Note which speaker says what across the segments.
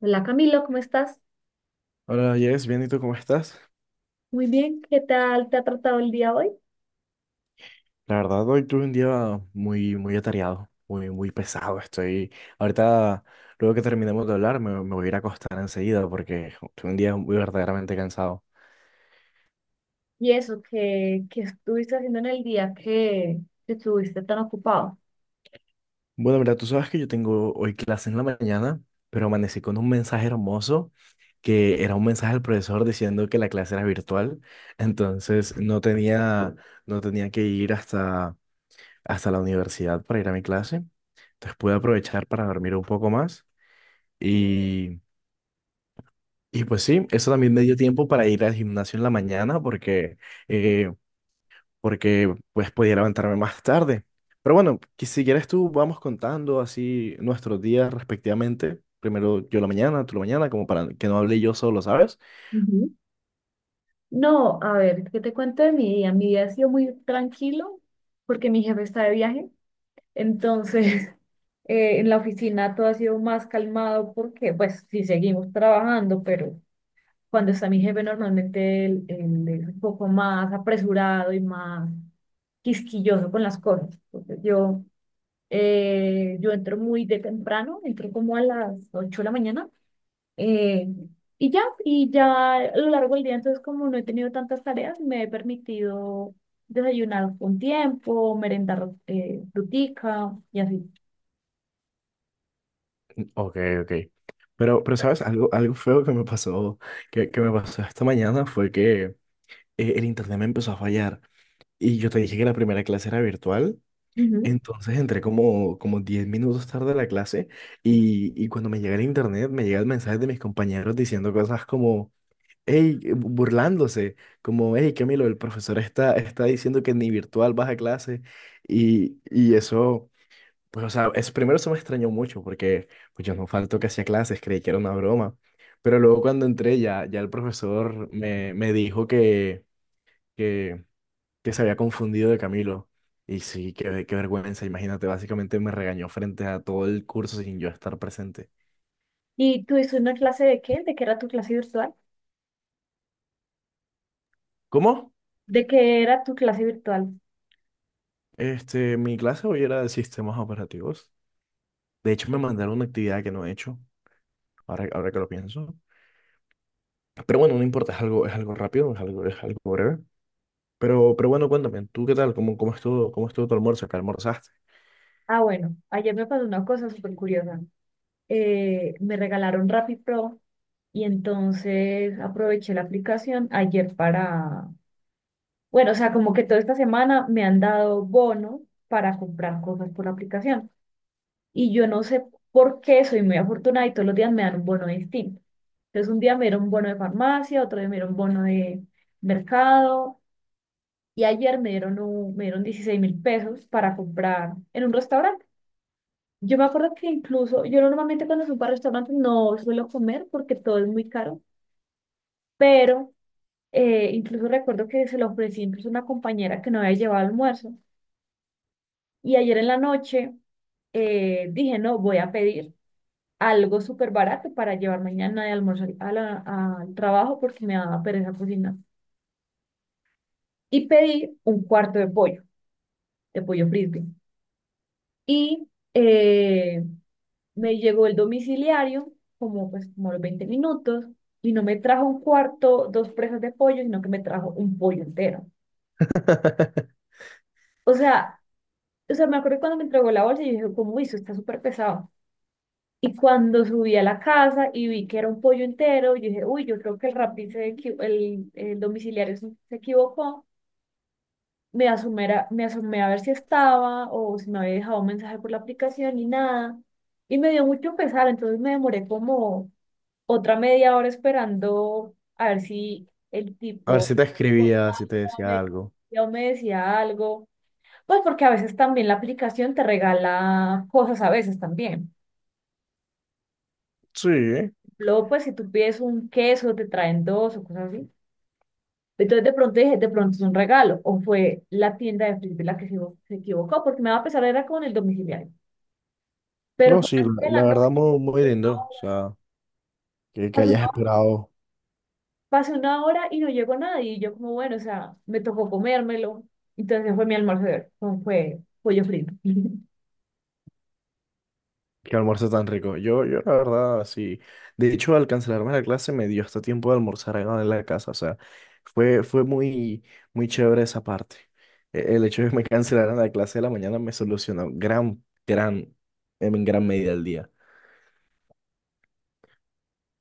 Speaker 1: Hola Camilo, ¿cómo estás?
Speaker 2: Hola, Jess, bien, ¿y tú cómo estás?
Speaker 1: Muy bien, ¿qué tal te ha tratado el día hoy?
Speaker 2: La verdad, hoy tuve un día muy, muy atareado, muy, muy pesado. Estoy, ahorita, luego que terminemos de hablar, me voy a ir a acostar enseguida porque tuve un día muy verdaderamente cansado.
Speaker 1: Y eso, ¿qué estuviste haciendo en el día que estuviste tan ocupado?
Speaker 2: Bueno, mira, tú sabes que yo tengo hoy clase en la mañana, pero amanecí con un mensaje hermoso que era un mensaje del profesor diciendo que la clase era virtual, entonces no tenía que ir hasta la universidad para ir a mi clase. Entonces pude aprovechar para dormir un poco más. Y, y pues sí, eso también me dio tiempo para ir al gimnasio en la mañana eh, porque pues podía levantarme más tarde. Pero bueno, que si quieres tú vamos contando así nuestros días respectivamente. Primero yo la mañana, tú la mañana, como para que no hable yo solo, ¿sabes?
Speaker 1: Ujú. No, a ver, ¿qué te cuento de mi día? Mi día ha sido muy tranquilo porque mi jefe está de viaje, entonces en la oficina todo ha sido más calmado porque pues sí seguimos trabajando, pero cuando está mi jefe normalmente él es un poco más apresurado y más quisquilloso con las cosas. Entonces yo. Yo entro muy de temprano, entro como a las 8 de la mañana. eh, y ya a lo largo del día, entonces como no he tenido tantas tareas, me he permitido desayunar con tiempo, merendar frutica y así.
Speaker 2: Ok, ok. Pero ¿sabes? Algo feo que me pasó, que me pasó esta mañana fue que el internet me empezó a fallar. Y yo te dije que la primera clase era virtual.
Speaker 1: Ujú.
Speaker 2: Entonces entré como 10 minutos tarde a la clase, y cuando me llega el internet me llega el mensaje de mis compañeros diciendo cosas como, "Hey", burlándose, como, "Hey, Camilo, el profesor está diciendo que ni virtual vas a clase". Y eso, pues o sea, es, primero eso me extrañó mucho porque pues yo no falto que hacía clases, creí que era una broma, pero luego cuando entré ya el profesor me dijo que que se había confundido de Camilo. Y sí, qué vergüenza, imagínate, básicamente me regañó frente a todo el curso sin yo estar presente.
Speaker 1: ¿Y tú hiciste una clase de qué? ¿De qué era tu clase virtual?
Speaker 2: ¿Cómo?
Speaker 1: ¿De qué era tu clase virtual?
Speaker 2: Mi clase hoy era de sistemas operativos. De hecho, me mandaron una actividad que no he hecho, ahora que lo pienso. Pero bueno, no importa, es algo rápido, es algo breve. Pero bueno, cuéntame, ¿tú qué tal? ¿Cómo estuvo tu almuerzo? ¿Qué almorzaste?
Speaker 1: Ah, bueno, ayer me pasó una cosa súper curiosa. Me regalaron Rappi Pro y entonces aproveché la aplicación ayer para. Bueno, o sea, como que toda esta semana me han dado bono para comprar cosas por la aplicación. Y yo no sé por qué soy muy afortunada y todos los días me dan un bono distinto. Entonces, un día me dieron un bono de farmacia, otro día me dieron un bono de mercado. Y ayer me dieron, me dieron 16.000 pesos para comprar en un restaurante. Yo me acuerdo que incluso, yo normalmente cuando subo a restaurantes no suelo comer porque todo es muy caro, pero incluso recuerdo que se lo ofrecí incluso a una compañera que no había llevado almuerzo. Y ayer en la noche dije, no, voy a pedir algo súper barato para llevar mañana de almorzar a al trabajo porque me daba pereza cocinar. Y pedí un cuarto de pollo frisbee. Y eh, me llegó el domiciliario como, pues, como a los 20 minutos, y no me trajo un cuarto, dos presas de pollo, sino que me trajo un pollo entero. O sea, o sea, me acuerdo cuando me entregó la bolsa y yo dije, cómo hizo, está súper pesado. Y cuando subí a la casa y vi que era un pollo entero, yo dije, uy, yo creo que el Rappi, el domiciliario se equivocó. Me asomé a ver si estaba o si me había dejado un mensaje por la aplicación y nada. Y me dio mucho pesar, entonces me demoré como otra media hora esperando a ver si el
Speaker 2: A ver
Speaker 1: tipo
Speaker 2: si te escribía,
Speaker 1: cortaba,
Speaker 2: si te decía
Speaker 1: me,
Speaker 2: algo.
Speaker 1: o me decía algo. Pues porque a veces también la aplicación te regala cosas, a veces también.
Speaker 2: Sí,
Speaker 1: Luego, pues, si tú pides un queso, te traen dos o cosas así. Entonces, de pronto dije, de pronto es un regalo. O fue la tienda de Felipe la que se equivocó, porque me va a pesar, era con el domiciliario. Pero
Speaker 2: no,
Speaker 1: fue
Speaker 2: sí, la,
Speaker 1: antes de la
Speaker 2: la verdad
Speaker 1: noche,
Speaker 2: muy, muy
Speaker 1: una
Speaker 2: lindo. O
Speaker 1: hora,
Speaker 2: sea, que
Speaker 1: pasó una
Speaker 2: hayas
Speaker 1: hora,
Speaker 2: esperado.
Speaker 1: pasó una hora y no llegó nadie. Y yo como, bueno, o sea, me tocó comérmelo. Entonces fue mi almuerzo de hoy, fue pollo frito.
Speaker 2: Qué almuerzo tan rico. Yo la verdad, sí. De hecho, al cancelarme la clase me dio hasta tiempo de almorzar acá en la casa. O sea, fue muy, muy chévere esa parte. El hecho de que me cancelaran la clase de la mañana me solucionó en gran medida el día.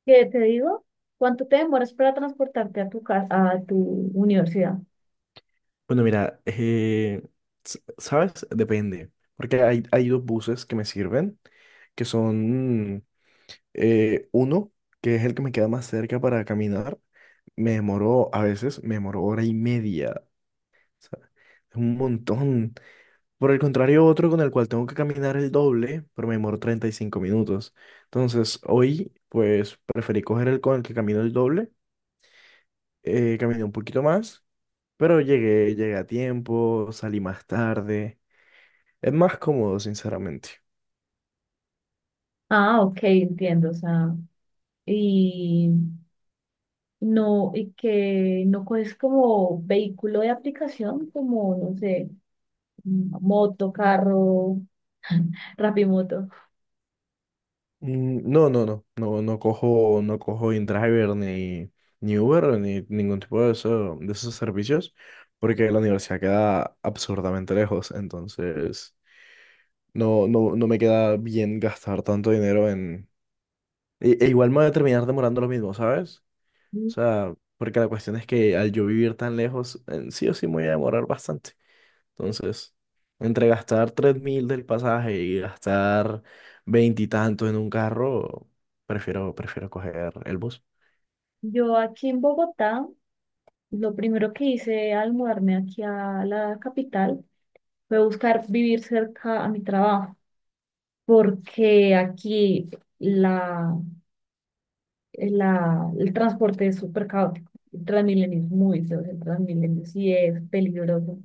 Speaker 1: ¿Qué te digo? ¿Cuánto te demoras para transportarte a tu casa, a tu universidad?
Speaker 2: Bueno, mira, ¿sabes? Depende. Porque hay dos buses que me sirven, que son uno, que es el que me queda más cerca para caminar. A veces me demoró hora y media. Sea, es un montón. Por el contrario, otro con el cual tengo que caminar el doble, pero me demoro 35 minutos. Entonces, hoy, pues, preferí coger el con el que camino el doble. Caminé un poquito más, pero llegué a tiempo, salí más tarde. Es más cómodo, sinceramente.
Speaker 1: Ah, ok, entiendo, o sea. Y. No, y que no es como vehículo de aplicación, como, no sé, moto, carro, Rapimoto.
Speaker 2: Mm, no, no, no, no, no cojo InDriver ni Uber ni ningún tipo de esos servicios, porque la universidad queda absurdamente lejos. Entonces, no, no, no me queda bien gastar tanto dinero en... E igual me voy a terminar demorando lo mismo, ¿sabes? O sea, porque la cuestión es que al yo vivir tan lejos, sí o sí me voy a demorar bastante. Entonces, entre gastar 3.000 del pasaje y gastar veintitantos en un carro, prefiero coger el bus.
Speaker 1: Yo aquí en Bogotá, lo primero que hice al mudarme aquí a la capital fue buscar vivir cerca a mi trabajo, porque aquí la, el transporte es súper caótico. El Transmilenio es muy feo, el Transmilenio sí es peligroso.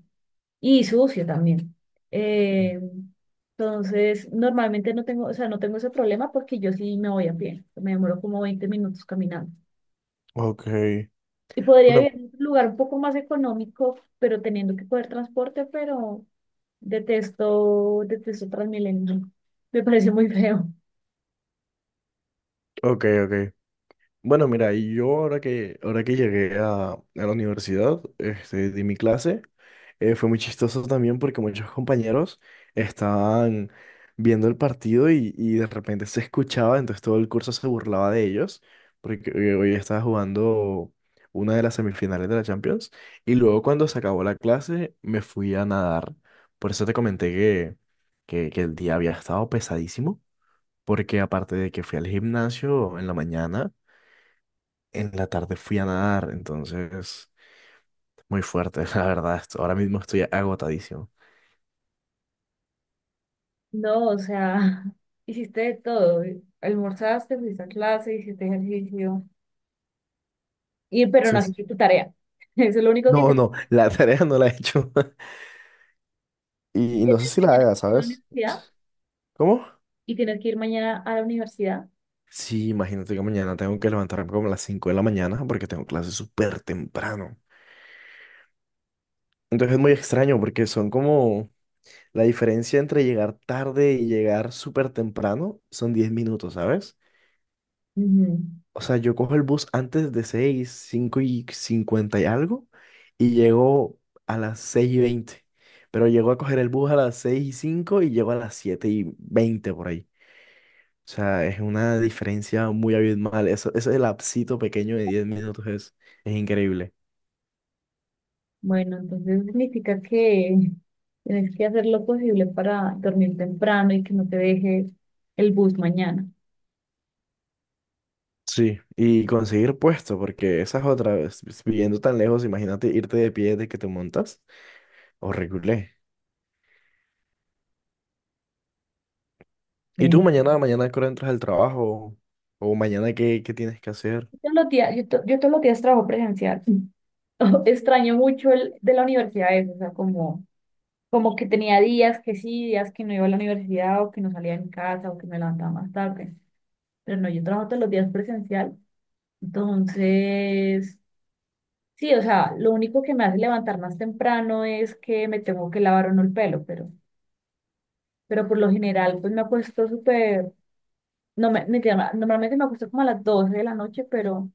Speaker 1: Y sucio también. Eh, entonces, normalmente no tengo, o sea, no tengo ese problema porque yo sí me voy a pie. Me demoro como 20 minutos caminando.
Speaker 2: Ok.
Speaker 1: Y podría
Speaker 2: Bueno,
Speaker 1: vivir en un lugar un poco más económico, pero teniendo que coger transporte, pero detesto, detesto Transmilenio. Me parece muy feo.
Speaker 2: ok, ok. Bueno, mira, y yo ahora que llegué a la universidad, de mi clase, fue muy chistoso también porque muchos compañeros estaban viendo el partido y de repente se escuchaba, entonces todo el curso se burlaba de ellos, porque hoy estaba jugando una de las semifinales de la Champions, y luego cuando se acabó la clase me fui a nadar, por eso te comenté que el día había estado pesadísimo, porque aparte de que fui al gimnasio en la mañana, en la tarde fui a nadar, entonces muy fuerte, la verdad. Ahora mismo estoy agotadísimo.
Speaker 1: No, o sea, hiciste de todo. Almorzaste, fuiste a clase, hiciste ejercicio. Y, pero
Speaker 2: Sí,
Speaker 1: no
Speaker 2: sí.
Speaker 1: hiciste tu tarea. Eso es lo único que te
Speaker 2: No,
Speaker 1: hace
Speaker 2: no, la tarea no la he hecho. Y no sé si la
Speaker 1: mañana en
Speaker 2: haga,
Speaker 1: la
Speaker 2: ¿sabes?
Speaker 1: universidad
Speaker 2: ¿Cómo?
Speaker 1: y tienes que ir mañana a la universidad.
Speaker 2: Sí, imagínate que mañana tengo que levantarme como a las 5 de la mañana porque tengo clases súper temprano. Entonces es muy extraño porque son como la diferencia entre llegar tarde y llegar súper temprano son 10 minutos, ¿sabes?
Speaker 1: Ujú.
Speaker 2: O sea, yo cojo el bus antes de 6 5 y 50 y algo, y llego a las 6:20. Pero llego a coger el bus a las 6:05 y llego a las 7:20 por ahí. O sea, es una diferencia muy abismal. Eso, ese lapsito pequeño de 10 minutos es increíble.
Speaker 1: Bueno, entonces significa que tienes que hacer lo posible para dormir temprano y que no te deje el bus mañana.
Speaker 2: Sí, y conseguir puesto, porque esa es otra vez, viviendo tan lejos, imagínate irte de pie desde que te montas, horrible. ¿Y tú
Speaker 1: Sí.
Speaker 2: mañana a qué hora entras al trabajo? ¿O mañana qué tienes que hacer?
Speaker 1: Yo todos los días trabajo presencial. Extraño mucho el de la universidad eso, o sea, como, como que tenía días que sí, días que no iba a la universidad o que no salía en casa o que me levantaba más tarde. Pero no, yo trabajo todos los días presencial. Entonces, sí, o sea, lo único que me hace levantar más temprano es que me tengo que lavar o no el pelo, pero por lo general, pues me acuesto súper, no me, mentira, normalmente me acuesto como a las 12 de la noche, pero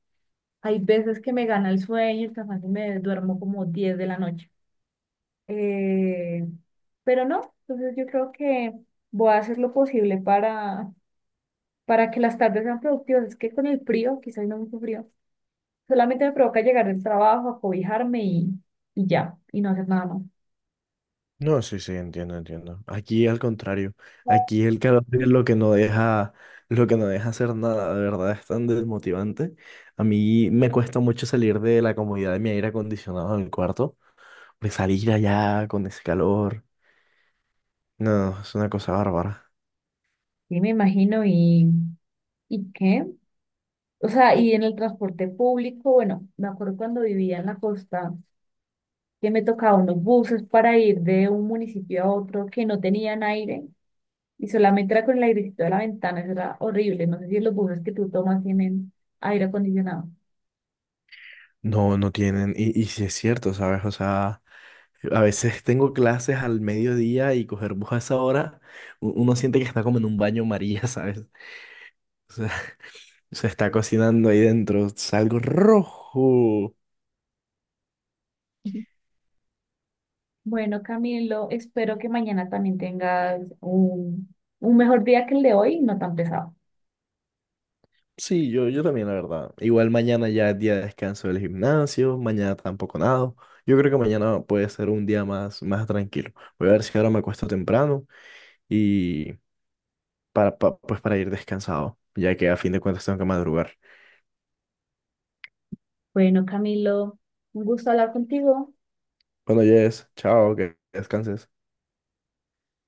Speaker 1: hay veces que me gana el sueño, y el cansancio y me duermo como 10 de la noche. Eh, pero no, entonces yo creo que voy a hacer lo posible para, que las tardes sean productivas. Es que con el frío, quizás no mucho frío, solamente me provoca llegar del trabajo, acobijarme y ya, y no hacer nada más.
Speaker 2: No, sí, sí, entiendo, entiendo. Aquí al contrario. Aquí el carácter es lo que no deja, hacer nada, de verdad es tan desmotivante. A mí me cuesta mucho salir de la comodidad de mi aire acondicionado en el cuarto, pues salir allá con ese calor. No, es una cosa bárbara.
Speaker 1: Sí, me imagino, ¿y qué? O sea, y en el transporte público, bueno, me acuerdo cuando vivía en la costa, que me tocaba unos buses para ir de un municipio a otro que no tenían aire y solamente era con el airecito de la ventana, eso era horrible. No sé si los buses que tú tomas tienen aire acondicionado.
Speaker 2: No, no tienen, y sí es cierto, ¿sabes? O sea, a veces tengo clases al mediodía y coger bus a esa hora, uno siente que está como en un baño María, ¿sabes? Se está cocinando ahí dentro, salgo rojo.
Speaker 1: Ujú. Bueno, Camilo, espero que mañana también tengas un mejor día que el de hoy, no tan pesado.
Speaker 2: Sí, yo también, la verdad. Igual mañana ya es día de descanso del gimnasio, mañana tampoco nado. Yo creo que mañana puede ser un día más, más tranquilo. Voy a ver si ahora me acuesto temprano y pues para ir descansado, ya que a fin de cuentas tengo que madrugar.
Speaker 1: Bueno, Camilo, un gusto hablar contigo.
Speaker 2: Bueno, Jess, chao, que descanses.